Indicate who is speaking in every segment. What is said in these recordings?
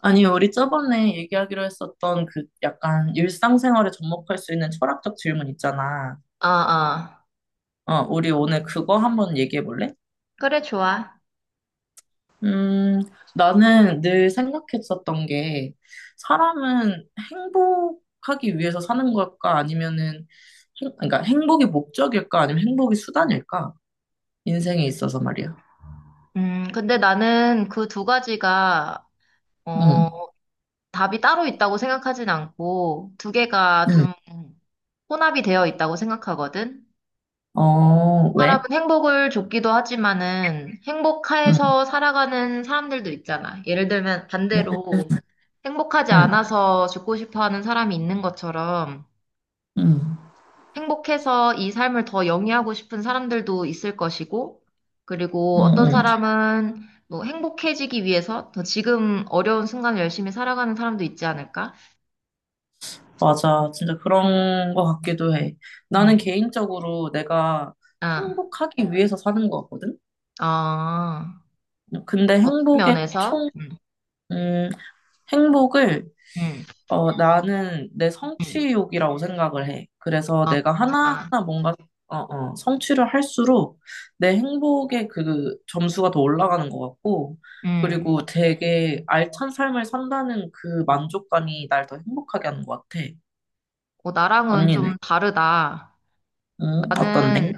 Speaker 1: 아니, 우리 저번에 얘기하기로 했었던 그 약간 일상생활에 접목할 수 있는 철학적 질문 있잖아.
Speaker 2: 아, 아.
Speaker 1: 어, 우리 오늘 그거 한번 얘기해 볼래?
Speaker 2: 그래, 좋아.
Speaker 1: 음, 나는 늘 생각했었던 게 사람은 행복하기 위해서 사는 걸까? 아니면은 그러니까 행복이 목적일까? 아니면 행복이 수단일까? 인생에 있어서 말이야.
Speaker 2: 근데 나는 그 두 가지가, 어,
Speaker 1: 응,
Speaker 2: 답이 따로 있다고 생각하진 않고, 두 개가
Speaker 1: 응.
Speaker 2: 좀 혼합이 되어 있다고 생각하거든?
Speaker 1: 어,
Speaker 2: 사람은
Speaker 1: 왜?
Speaker 2: 행복을 줬기도 하지만은,
Speaker 1: 응,
Speaker 2: 행복해서 살아가는 사람들도 있잖아. 예를 들면,
Speaker 1: 응,
Speaker 2: 반대로, 행복하지
Speaker 1: 응,
Speaker 2: 않아서 죽고 싶어 하는 사람이 있는 것처럼, 행복해서 이 삶을 더 영위하고 싶은 사람들도 있을 것이고, 그리고
Speaker 1: 응,
Speaker 2: 어떤
Speaker 1: 응.
Speaker 2: 사람은 뭐 행복해지기 위해서 더 지금 어려운 순간 을 열심히 살아가는 사람도 있지 않을까?
Speaker 1: 맞아. 진짜 그런 거 같기도 해. 나는
Speaker 2: 음,
Speaker 1: 개인적으로 내가
Speaker 2: 아,
Speaker 1: 행복하기 위해서 사는 거 같거든?
Speaker 2: 아,
Speaker 1: 근데
Speaker 2: 어떤 면에서,
Speaker 1: 음, 행복을,
Speaker 2: 음,
Speaker 1: 나는 내
Speaker 2: 음,
Speaker 1: 성취욕이라고 생각을 해. 그래서 내가 하나하나
Speaker 2: 아,
Speaker 1: 뭔가, 성취를 할수록 내 행복의 그 점수가 더 올라가는 것 같고,
Speaker 2: 음,
Speaker 1: 그리고 되게 알찬 삶을 산다는 그 만족감이 날 더 행복하게 하는 것 같아.
Speaker 2: 나랑은
Speaker 1: 언니는?
Speaker 2: 좀 다르다.
Speaker 1: 응, 어떤데?
Speaker 2: 나는,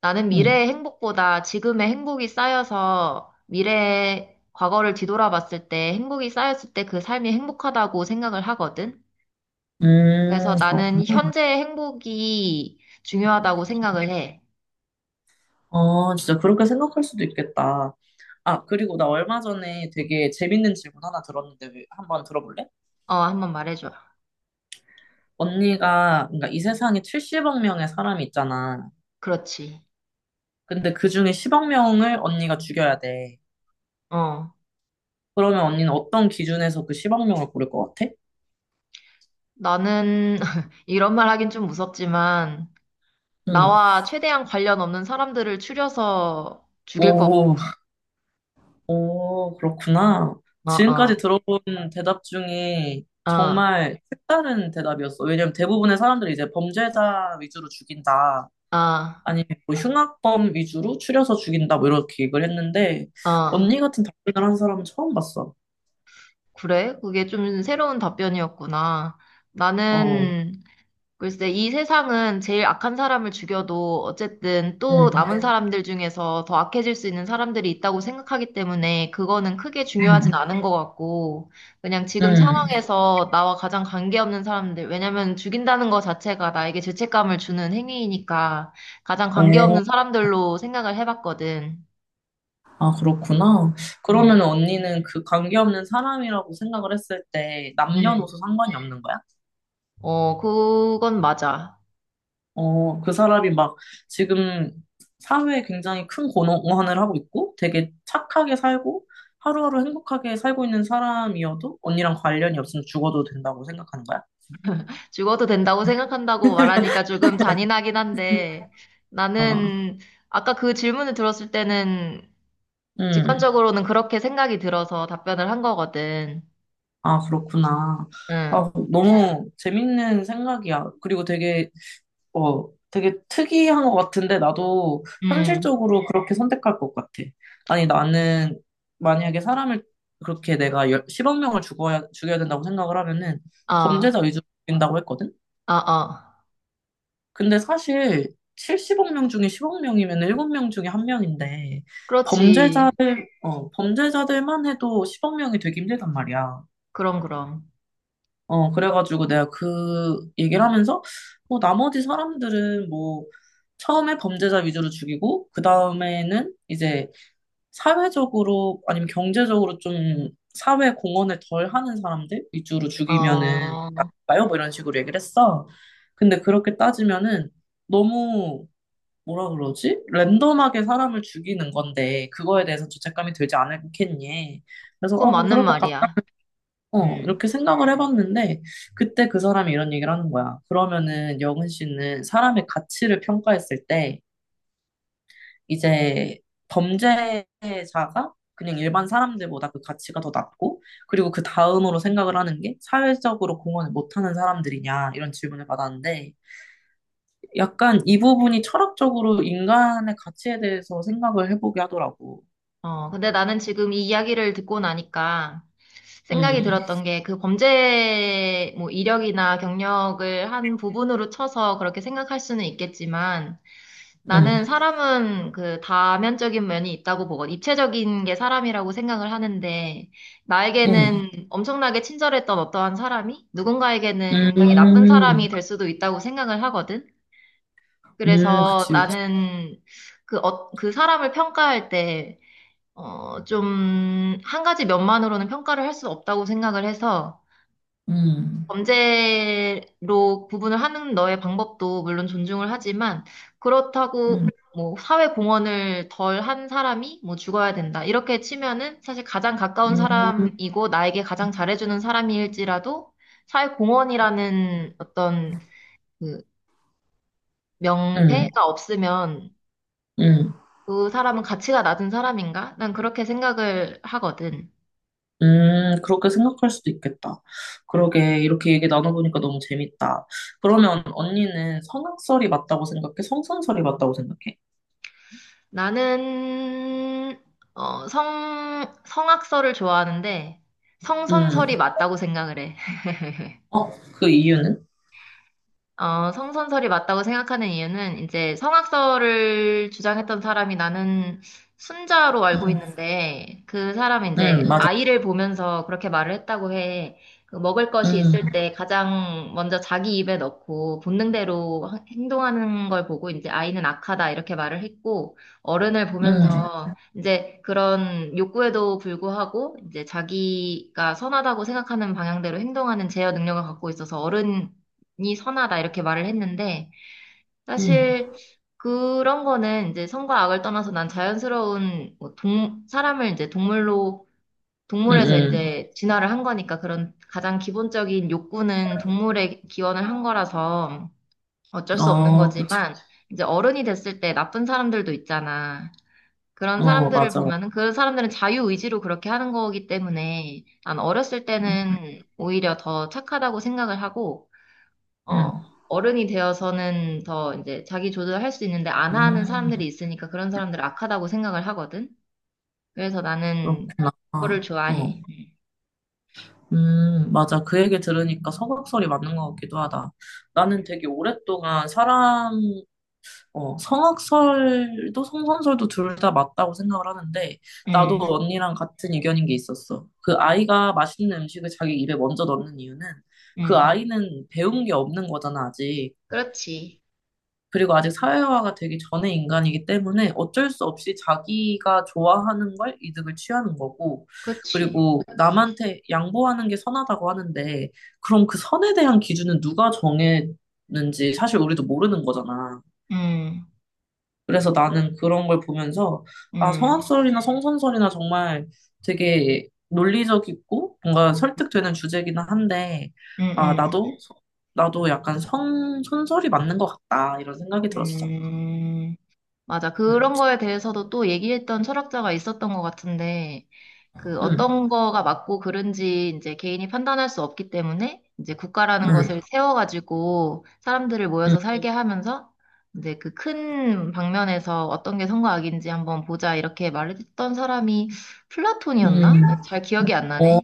Speaker 2: 나는 미래의
Speaker 1: 응.
Speaker 2: 행복보다 지금의 행복이 쌓여서 미래의 과거를 뒤돌아봤을 때 행복이 쌓였을 때 그 삶이 행복하다고 생각을 하거든. 그래서 나는
Speaker 1: 그렇구나.
Speaker 2: 현재의 행복이 중요하다고 생각을 해.
Speaker 1: 아, 진짜 그렇게 생각할 수도 있겠다. 아, 그리고 나 얼마 전에 되게 재밌는 질문 하나 들었는데 한번 들어볼래?
Speaker 2: 어, 한번 말해줘.
Speaker 1: 언니가, 그러니까 이 세상에 70억 명의 사람이 있잖아.
Speaker 2: 그렇지.
Speaker 1: 근데 그 중에 10억 명을 언니가 죽여야 돼.
Speaker 2: 어,
Speaker 1: 그러면 언니는 어떤 기준에서 그 10억 명을 고를 것 같아?
Speaker 2: 나는 이런 말 하긴 좀 무섭지만
Speaker 1: 응.
Speaker 2: 나와 최대한 관련 없는 사람들을 추려서 죽일 거.
Speaker 1: 오, 오, 그렇구나.
Speaker 2: 어,
Speaker 1: 지금까지
Speaker 2: 어,
Speaker 1: 들어본 대답 중에
Speaker 2: 어,
Speaker 1: 정말 색다른 대답이었어. 왜냐면 대부분의 사람들이 이제 범죄자 위주로 죽인다.
Speaker 2: 어,
Speaker 1: 아니면 뭐 흉악범 위주로 추려서 죽인다 뭐 이렇게 얘기를 했는데
Speaker 2: 어.
Speaker 1: 언니 같은 답변을 한 사람은 처음 봤어.
Speaker 2: 그래? 그게 좀 새로운 답변이었구나.
Speaker 1: 어.
Speaker 2: 나는 글쎄, 이 세상은 제일 악한 사람을 죽여도 어쨌든 또 남은
Speaker 1: 음.
Speaker 2: 사람들 중에서 더 악해질 수 있는 사람들이 있다고 생각하기 때문에 그거는 크게 중요하진 않은 것 같고, 그냥 지금
Speaker 1: 음.
Speaker 2: 상황에서 나와 가장 관계없는 사람들, 왜냐면 죽인다는 것 자체가 나에게 죄책감을 주는 행위이니까 가장
Speaker 1: 어.
Speaker 2: 관계없는 사람들로 생각을 해봤거든.
Speaker 1: 아, 그렇구나. 그러면
Speaker 2: 음,
Speaker 1: 언니는 그 관계없는 사람이라고 생각을 했을 때 남녀노소
Speaker 2: 음.
Speaker 1: 상관이 없는 거야?
Speaker 2: 어, 그건 맞아.
Speaker 1: 어, 그 사람이 막 지금 사회에 굉장히 큰 공헌을 하고 있고 되게 착하게 살고 하루하루 행복하게 살고 있는 사람이어도 언니랑 관련이 없으면 죽어도 된다고 생각하는 거야?
Speaker 2: 죽어도 된다고 생각한다고 말하니까 조금 잔인하긴 한데
Speaker 1: 어.
Speaker 2: 나는 아까 그 질문을 들었을 때는
Speaker 1: 음.
Speaker 2: 직관적으로는 그렇게 생각이 들어서 답변을 한 거거든.
Speaker 1: 아, 그렇구나.
Speaker 2: 응,
Speaker 1: 아, 너무 재밌는 생각이야. 그리고 되게 특이한 것 같은데, 나도
Speaker 2: 응,
Speaker 1: 현실적으로 그렇게 선택할 것 같아. 아니, 나는 만약에 사람을 그렇게 내가 10억 명을 죽여야 된다고 생각을 하면은
Speaker 2: 어,
Speaker 1: 범죄자 위주로 죽인다고 했거든?
Speaker 2: 어, 어.
Speaker 1: 근데 사실 70억 명 중에 10억 명이면 7명 중에 한명인데
Speaker 2: 그렇지.
Speaker 1: 범죄자들, 범죄자들만 해도 10억 명이 되기 힘들단 말이야.
Speaker 2: 그럼, 그럼.
Speaker 1: 그래가지고 내가 그 얘기를 하면서, 뭐, 나머지 사람들은 뭐, 처음에 범죄자 위주로 죽이고, 그 다음에는 이제 사회적으로, 아니면 경제적으로 좀 사회 공헌을 덜 하는 사람들 위주로 죽이면은,
Speaker 2: 어,
Speaker 1: 나요? 뭐 이런 식으로 얘기를 했어. 근데 그렇게 따지면은, 너무, 뭐라 그러지? 랜덤하게 사람을 죽이는 건데, 그거에 대해서 죄책감이 들지 않겠니? 그래서,
Speaker 2: 그건
Speaker 1: 뭐,
Speaker 2: 맞는
Speaker 1: 그럴 것
Speaker 2: 말이야. 음.
Speaker 1: 이렇게 생각을 해봤는데, 그때 그 사람이 이런 얘기를 하는 거야. 그러면은 여은 씨는 사람의 가치를 평가했을 때, 이제 범죄자가 그냥 일반 사람들보다 그 가치가 더 낮고, 그리고 그 다음으로 생각을 하는 게 사회적으로 공헌을 못하는 사람들이냐, 이런 질문을 받았는데, 약간 이 부분이 철학적으로 인간의 가치에 대해서 생각을 해보게 하더라고.
Speaker 2: 어, 근데 나는 지금 이 이야기를 듣고 나니까 생각이
Speaker 1: 음,
Speaker 2: 들었던 게 그 범죄 뭐 이력이나 경력을 한 부분으로 쳐서 그렇게 생각할 수는 있겠지만
Speaker 1: 음,
Speaker 2: 나는 사람은 그 다면적인 면이 있다고 보거든. 입체적인 게 사람이라고 생각을 하는데
Speaker 1: 음,
Speaker 2: 나에게는 엄청나게 친절했던 어떠한 사람이 누군가에게는 굉장히 나쁜 사람이
Speaker 1: 음,
Speaker 2: 될 수도 있다고 생각을 하거든. 그래서
Speaker 1: 그치, 그치.
Speaker 2: 나는 그 사람을 평가할 때 좀, 한 가지 면만으로는 평가를 할 수 없다고 생각을 해서,
Speaker 1: 음,
Speaker 2: 범죄로 구분을 하는 너의 방법도 물론 존중을 하지만, 그렇다고,
Speaker 1: 음.
Speaker 2: 뭐, 사회 공헌을 덜 한 사람이, 뭐, 죽어야 된다. 이렇게 치면은, 사실 가장 가까운
Speaker 1: 음.
Speaker 2: 사람이고, 나에게 가장 잘해주는 사람일지라도, 사회 공헌이라는 어떤, 그,
Speaker 1: 음,
Speaker 2: 명패가 없으면,
Speaker 1: 음,
Speaker 2: 그 사람은 가치가 낮은 사람인가? 난 그렇게 생각을 하거든.
Speaker 1: 그렇게 생각할 수도 있겠다.
Speaker 2: 예.
Speaker 1: 그러게, 이렇게 얘기 나눠보니까 너무 재밌다. 그러면 언니는 성악설이 맞다고 생각해? 성선설이 맞다고 생각해?
Speaker 2: 나는 성 성악설을 좋아하는데 성선설이
Speaker 1: 음,
Speaker 2: 맞다고 생각을 해.
Speaker 1: 어, 그 이유는?
Speaker 2: 어, 성선설이 맞다고 생각하는 이유는 이제 성악설을 주장했던 사람이 나는 순자로 알고
Speaker 1: 음,
Speaker 2: 있는데 그 사람은 이제
Speaker 1: 맞아.
Speaker 2: 아이를 보면서 그렇게 말을 했다고 해. 그 먹을 것이
Speaker 1: 음,
Speaker 2: 있을 때 가장 먼저 자기 입에 넣고 본능대로 행동하는 걸 보고 이제 아이는 악하다 이렇게 말을 했고 어른을
Speaker 1: 음,
Speaker 2: 보면서 이제 그런 욕구에도 불구하고 이제 자기가 선하다고 생각하는 방향대로 행동하는 제어 능력을 갖고 있어서 어른 이 선하다 이렇게 말을 했는데
Speaker 1: 음,
Speaker 2: 사실 그런 거는 이제 선과 악을 떠나서 난 자연스러운 뭐동 사람을 이제 동물로 동물에서
Speaker 1: 음,
Speaker 2: 이제 진화를 한 거니까 그런 가장 기본적인 욕구는 동물에 기원을 한 거라서 어쩔 수 없는
Speaker 1: 어, 그치.
Speaker 2: 거지만 이제 어른이 됐을 때 나쁜 사람들도 있잖아. 그런
Speaker 1: 어,
Speaker 2: 사람들을
Speaker 1: 맞아.
Speaker 2: 보면은 그런 사람들은 자유의지로 그렇게 하는 거기 때문에 난 어렸을
Speaker 1: 음,
Speaker 2: 때는 오히려 더 착하다고 생각을 하고 어,
Speaker 1: 음,
Speaker 2: 어른이 되어서는 더 이제 자기 조절할 수 있는데 안 하는
Speaker 1: 음,
Speaker 2: 사람들이 있으니까 그런 사람들 악하다고 생각을 하거든. 그래서 나는
Speaker 1: 그렇구나.
Speaker 2: 그거를
Speaker 1: 어,
Speaker 2: 좋아해. 응,
Speaker 1: 응, 맞아. 그 얘기 들으니까 성악설이 맞는 것 같기도 하다. 나는 되게 오랫동안 성악설도 성선설도 둘 다 맞다고 생각을 하는데, 나도
Speaker 2: 응,
Speaker 1: 언니랑 같은 의견인 게 있었어. 그 아이가 맛있는 음식을 자기 입에 먼저 넣는 이유는 그
Speaker 2: 응.
Speaker 1: 아이는 배운 게 없는 거잖아, 아직.
Speaker 2: 그렇지.
Speaker 1: 그리고 아직 사회화가 되기 전의 인간이기 때문에 어쩔 수 없이 자기가 좋아하는 걸 이득을 취하는 거고,
Speaker 2: 그렇지.
Speaker 1: 그리고 남한테 양보하는 게 선하다고 하는데, 그럼 그 선에 대한 기준은 누가 정했는지 사실 우리도 모르는 거잖아.
Speaker 2: 응,
Speaker 1: 그래서 나는 그런 걸 보면서, 아,
Speaker 2: 응,
Speaker 1: 성악설이나 성선설이나 정말 되게 논리적이고 뭔가 설득되는 주제기는 한데,
Speaker 2: 응,
Speaker 1: 아,
Speaker 2: 응.
Speaker 1: 나도, 나도 약간 선설이 맞는 것 같다, 이런 생각이 들었어.
Speaker 2: 음, 맞아.
Speaker 1: 음,
Speaker 2: 그런 거에 대해서도 또 얘기했던 철학자가 있었던 것 같은데, 그
Speaker 1: 음,
Speaker 2: 어떤 거가 맞고 그른지 이제 개인이 판단할 수 없기 때문에 이제 국가라는
Speaker 1: 음,
Speaker 2: 것을 세워가지고 사람들을
Speaker 1: 음,
Speaker 2: 모여서 살게 하면서 이제 그 큰 방면에서 어떤 게 선과 악인지 한번 보자 이렇게 말했던 사람이 플라톤이었나?
Speaker 1: 음.
Speaker 2: 잘 기억이 안
Speaker 1: 어,
Speaker 2: 나네.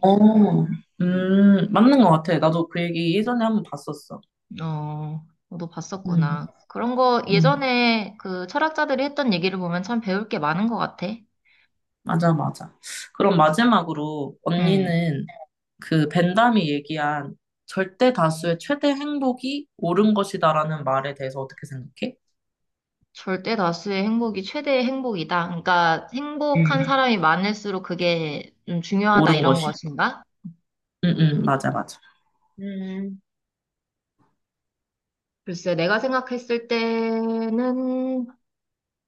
Speaker 2: 음.
Speaker 1: 맞는 것 같아. 나도 그 얘기 예전에 한 번 봤었어.
Speaker 2: 어, 너도
Speaker 1: 음,
Speaker 2: 봤었구나. 그런 거
Speaker 1: 음,
Speaker 2: 예전에 그 철학자들이 했던 얘기를 보면 참 배울 게 많은 것 같아.
Speaker 1: 맞아, 맞아. 그럼 마지막으로
Speaker 2: 음.
Speaker 1: 언니는 그 벤담이 얘기한 절대 다수의 최대 행복이 옳은 것이다라는 말에 대해서 어떻게 생각해?
Speaker 2: 절대 다수의 행복이 최대의 행복이다. 그러니까 행복한
Speaker 1: 음,
Speaker 2: 사람이 많을수록 그게 좀 중요하다
Speaker 1: 옳은
Speaker 2: 이런
Speaker 1: 것이.
Speaker 2: 것인가?
Speaker 1: 응, 응, 맞아, 맞아.
Speaker 2: 음, 글쎄, 내가 생각했을 때는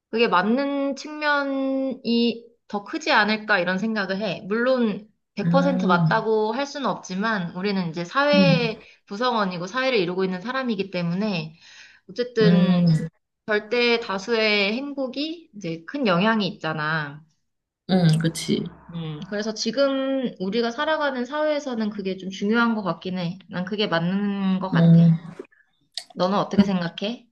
Speaker 2: 그게 맞는 측면이 더 크지 않을까 이런 생각을 해. 물론 100%
Speaker 1: 음,
Speaker 2: 맞다고 할 수는 없지만 우리는 이제
Speaker 1: 음,
Speaker 2: 사회 구성원이고 사회를 이루고 있는 사람이기 때문에 어쨌든
Speaker 1: 음,
Speaker 2: 절대 다수의 행복이 이제 큰 영향이 있잖아.
Speaker 1: 그치.
Speaker 2: 그래서 지금 우리가 살아가는 사회에서는 그게 좀 중요한 것 같긴 해. 난 그게 맞는 것 같아.
Speaker 1: 음.
Speaker 2: 너는 어떻게 생각해?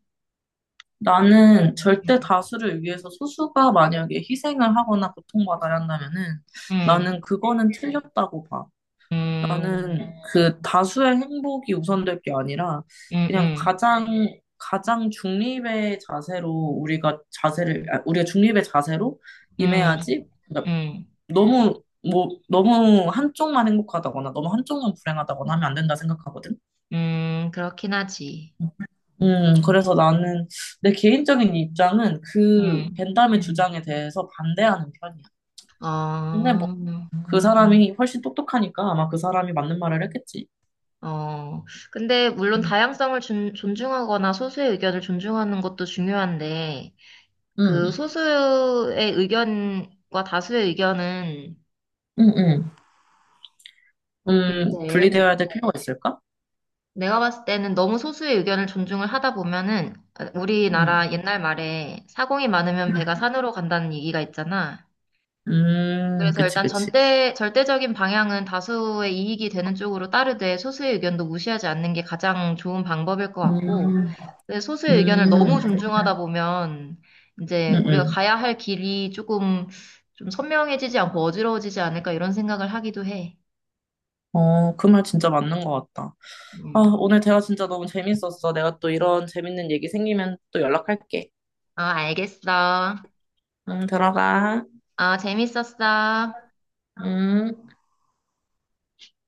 Speaker 1: 나는 절대
Speaker 2: 음,
Speaker 1: 다수를 위해서 소수가 만약에 희생을 하거나 고통받아야 한다면은
Speaker 2: 음,
Speaker 1: 나는 그거는 틀렸다고 봐.
Speaker 2: 음,
Speaker 1: 나는 그 다수의 행복이 우선될 게 아니라
Speaker 2: 음,
Speaker 1: 그냥
Speaker 2: 음,
Speaker 1: 가장 가장 중립의 자세로 우리가 중립의 자세로
Speaker 2: 음,
Speaker 1: 임해야지. 그러니까
Speaker 2: 음,
Speaker 1: 너무 뭐 너무 한쪽만 행복하다거나 너무 한쪽만 불행하다거나 하면 안 된다 생각하거든.
Speaker 2: 그렇긴 하지.
Speaker 1: 그래서 나는 내 개인적인 입장은 그
Speaker 2: 음.
Speaker 1: 벤담의 주장에 대해서 반대하는 편이야. 근데
Speaker 2: 어,
Speaker 1: 뭐 그 사람이 훨씬 똑똑하니까 아마 그 사람이 맞는 말을 했겠지.
Speaker 2: 어. 근데 물론
Speaker 1: 음,
Speaker 2: 다양성을 존중하거나 소수의 의견을 존중하는 것도 중요한데, 그
Speaker 1: 음,
Speaker 2: 소수의 의견과 다수의 의견은
Speaker 1: 음.
Speaker 2: 글쎄,
Speaker 1: 분리되어야 될 필요가 있을까?
Speaker 2: 내가 봤을 때는 너무 소수의 의견을 존중을 하다 보면은 어,
Speaker 1: 음,
Speaker 2: 우리나라 옛날 말에 사공이 많으면 배가
Speaker 1: 음,
Speaker 2: 산으로 간다는 얘기가 있잖아. 그래서
Speaker 1: 그치,
Speaker 2: 일단
Speaker 1: 그치.
Speaker 2: 절대적인 방향은 다수의 이익이 되는 쪽으로 따르되 소수의 의견도 무시하지 않는 게 가장 좋은 방법일 것 같고,
Speaker 1: 음,
Speaker 2: 근데 소수의 의견을 너무
Speaker 1: 음,
Speaker 2: 존중하다 보면
Speaker 1: 음,
Speaker 2: 이제 우리가
Speaker 1: 음.
Speaker 2: 가야 할 길이 조금 좀 선명해지지 않고 어지러워지지 않을까 이런 생각을 하기도 해.
Speaker 1: 어, 그 말 진짜 맞는 것 같다. 아,
Speaker 2: 음.
Speaker 1: 오늘 대화 진짜 너무 재밌었어. 내가 또 이런 재밌는 얘기 생기면 또 연락할게.
Speaker 2: 아, 알겠어.
Speaker 1: 응, 들어가.
Speaker 2: 아, 재밌었어.
Speaker 1: 응.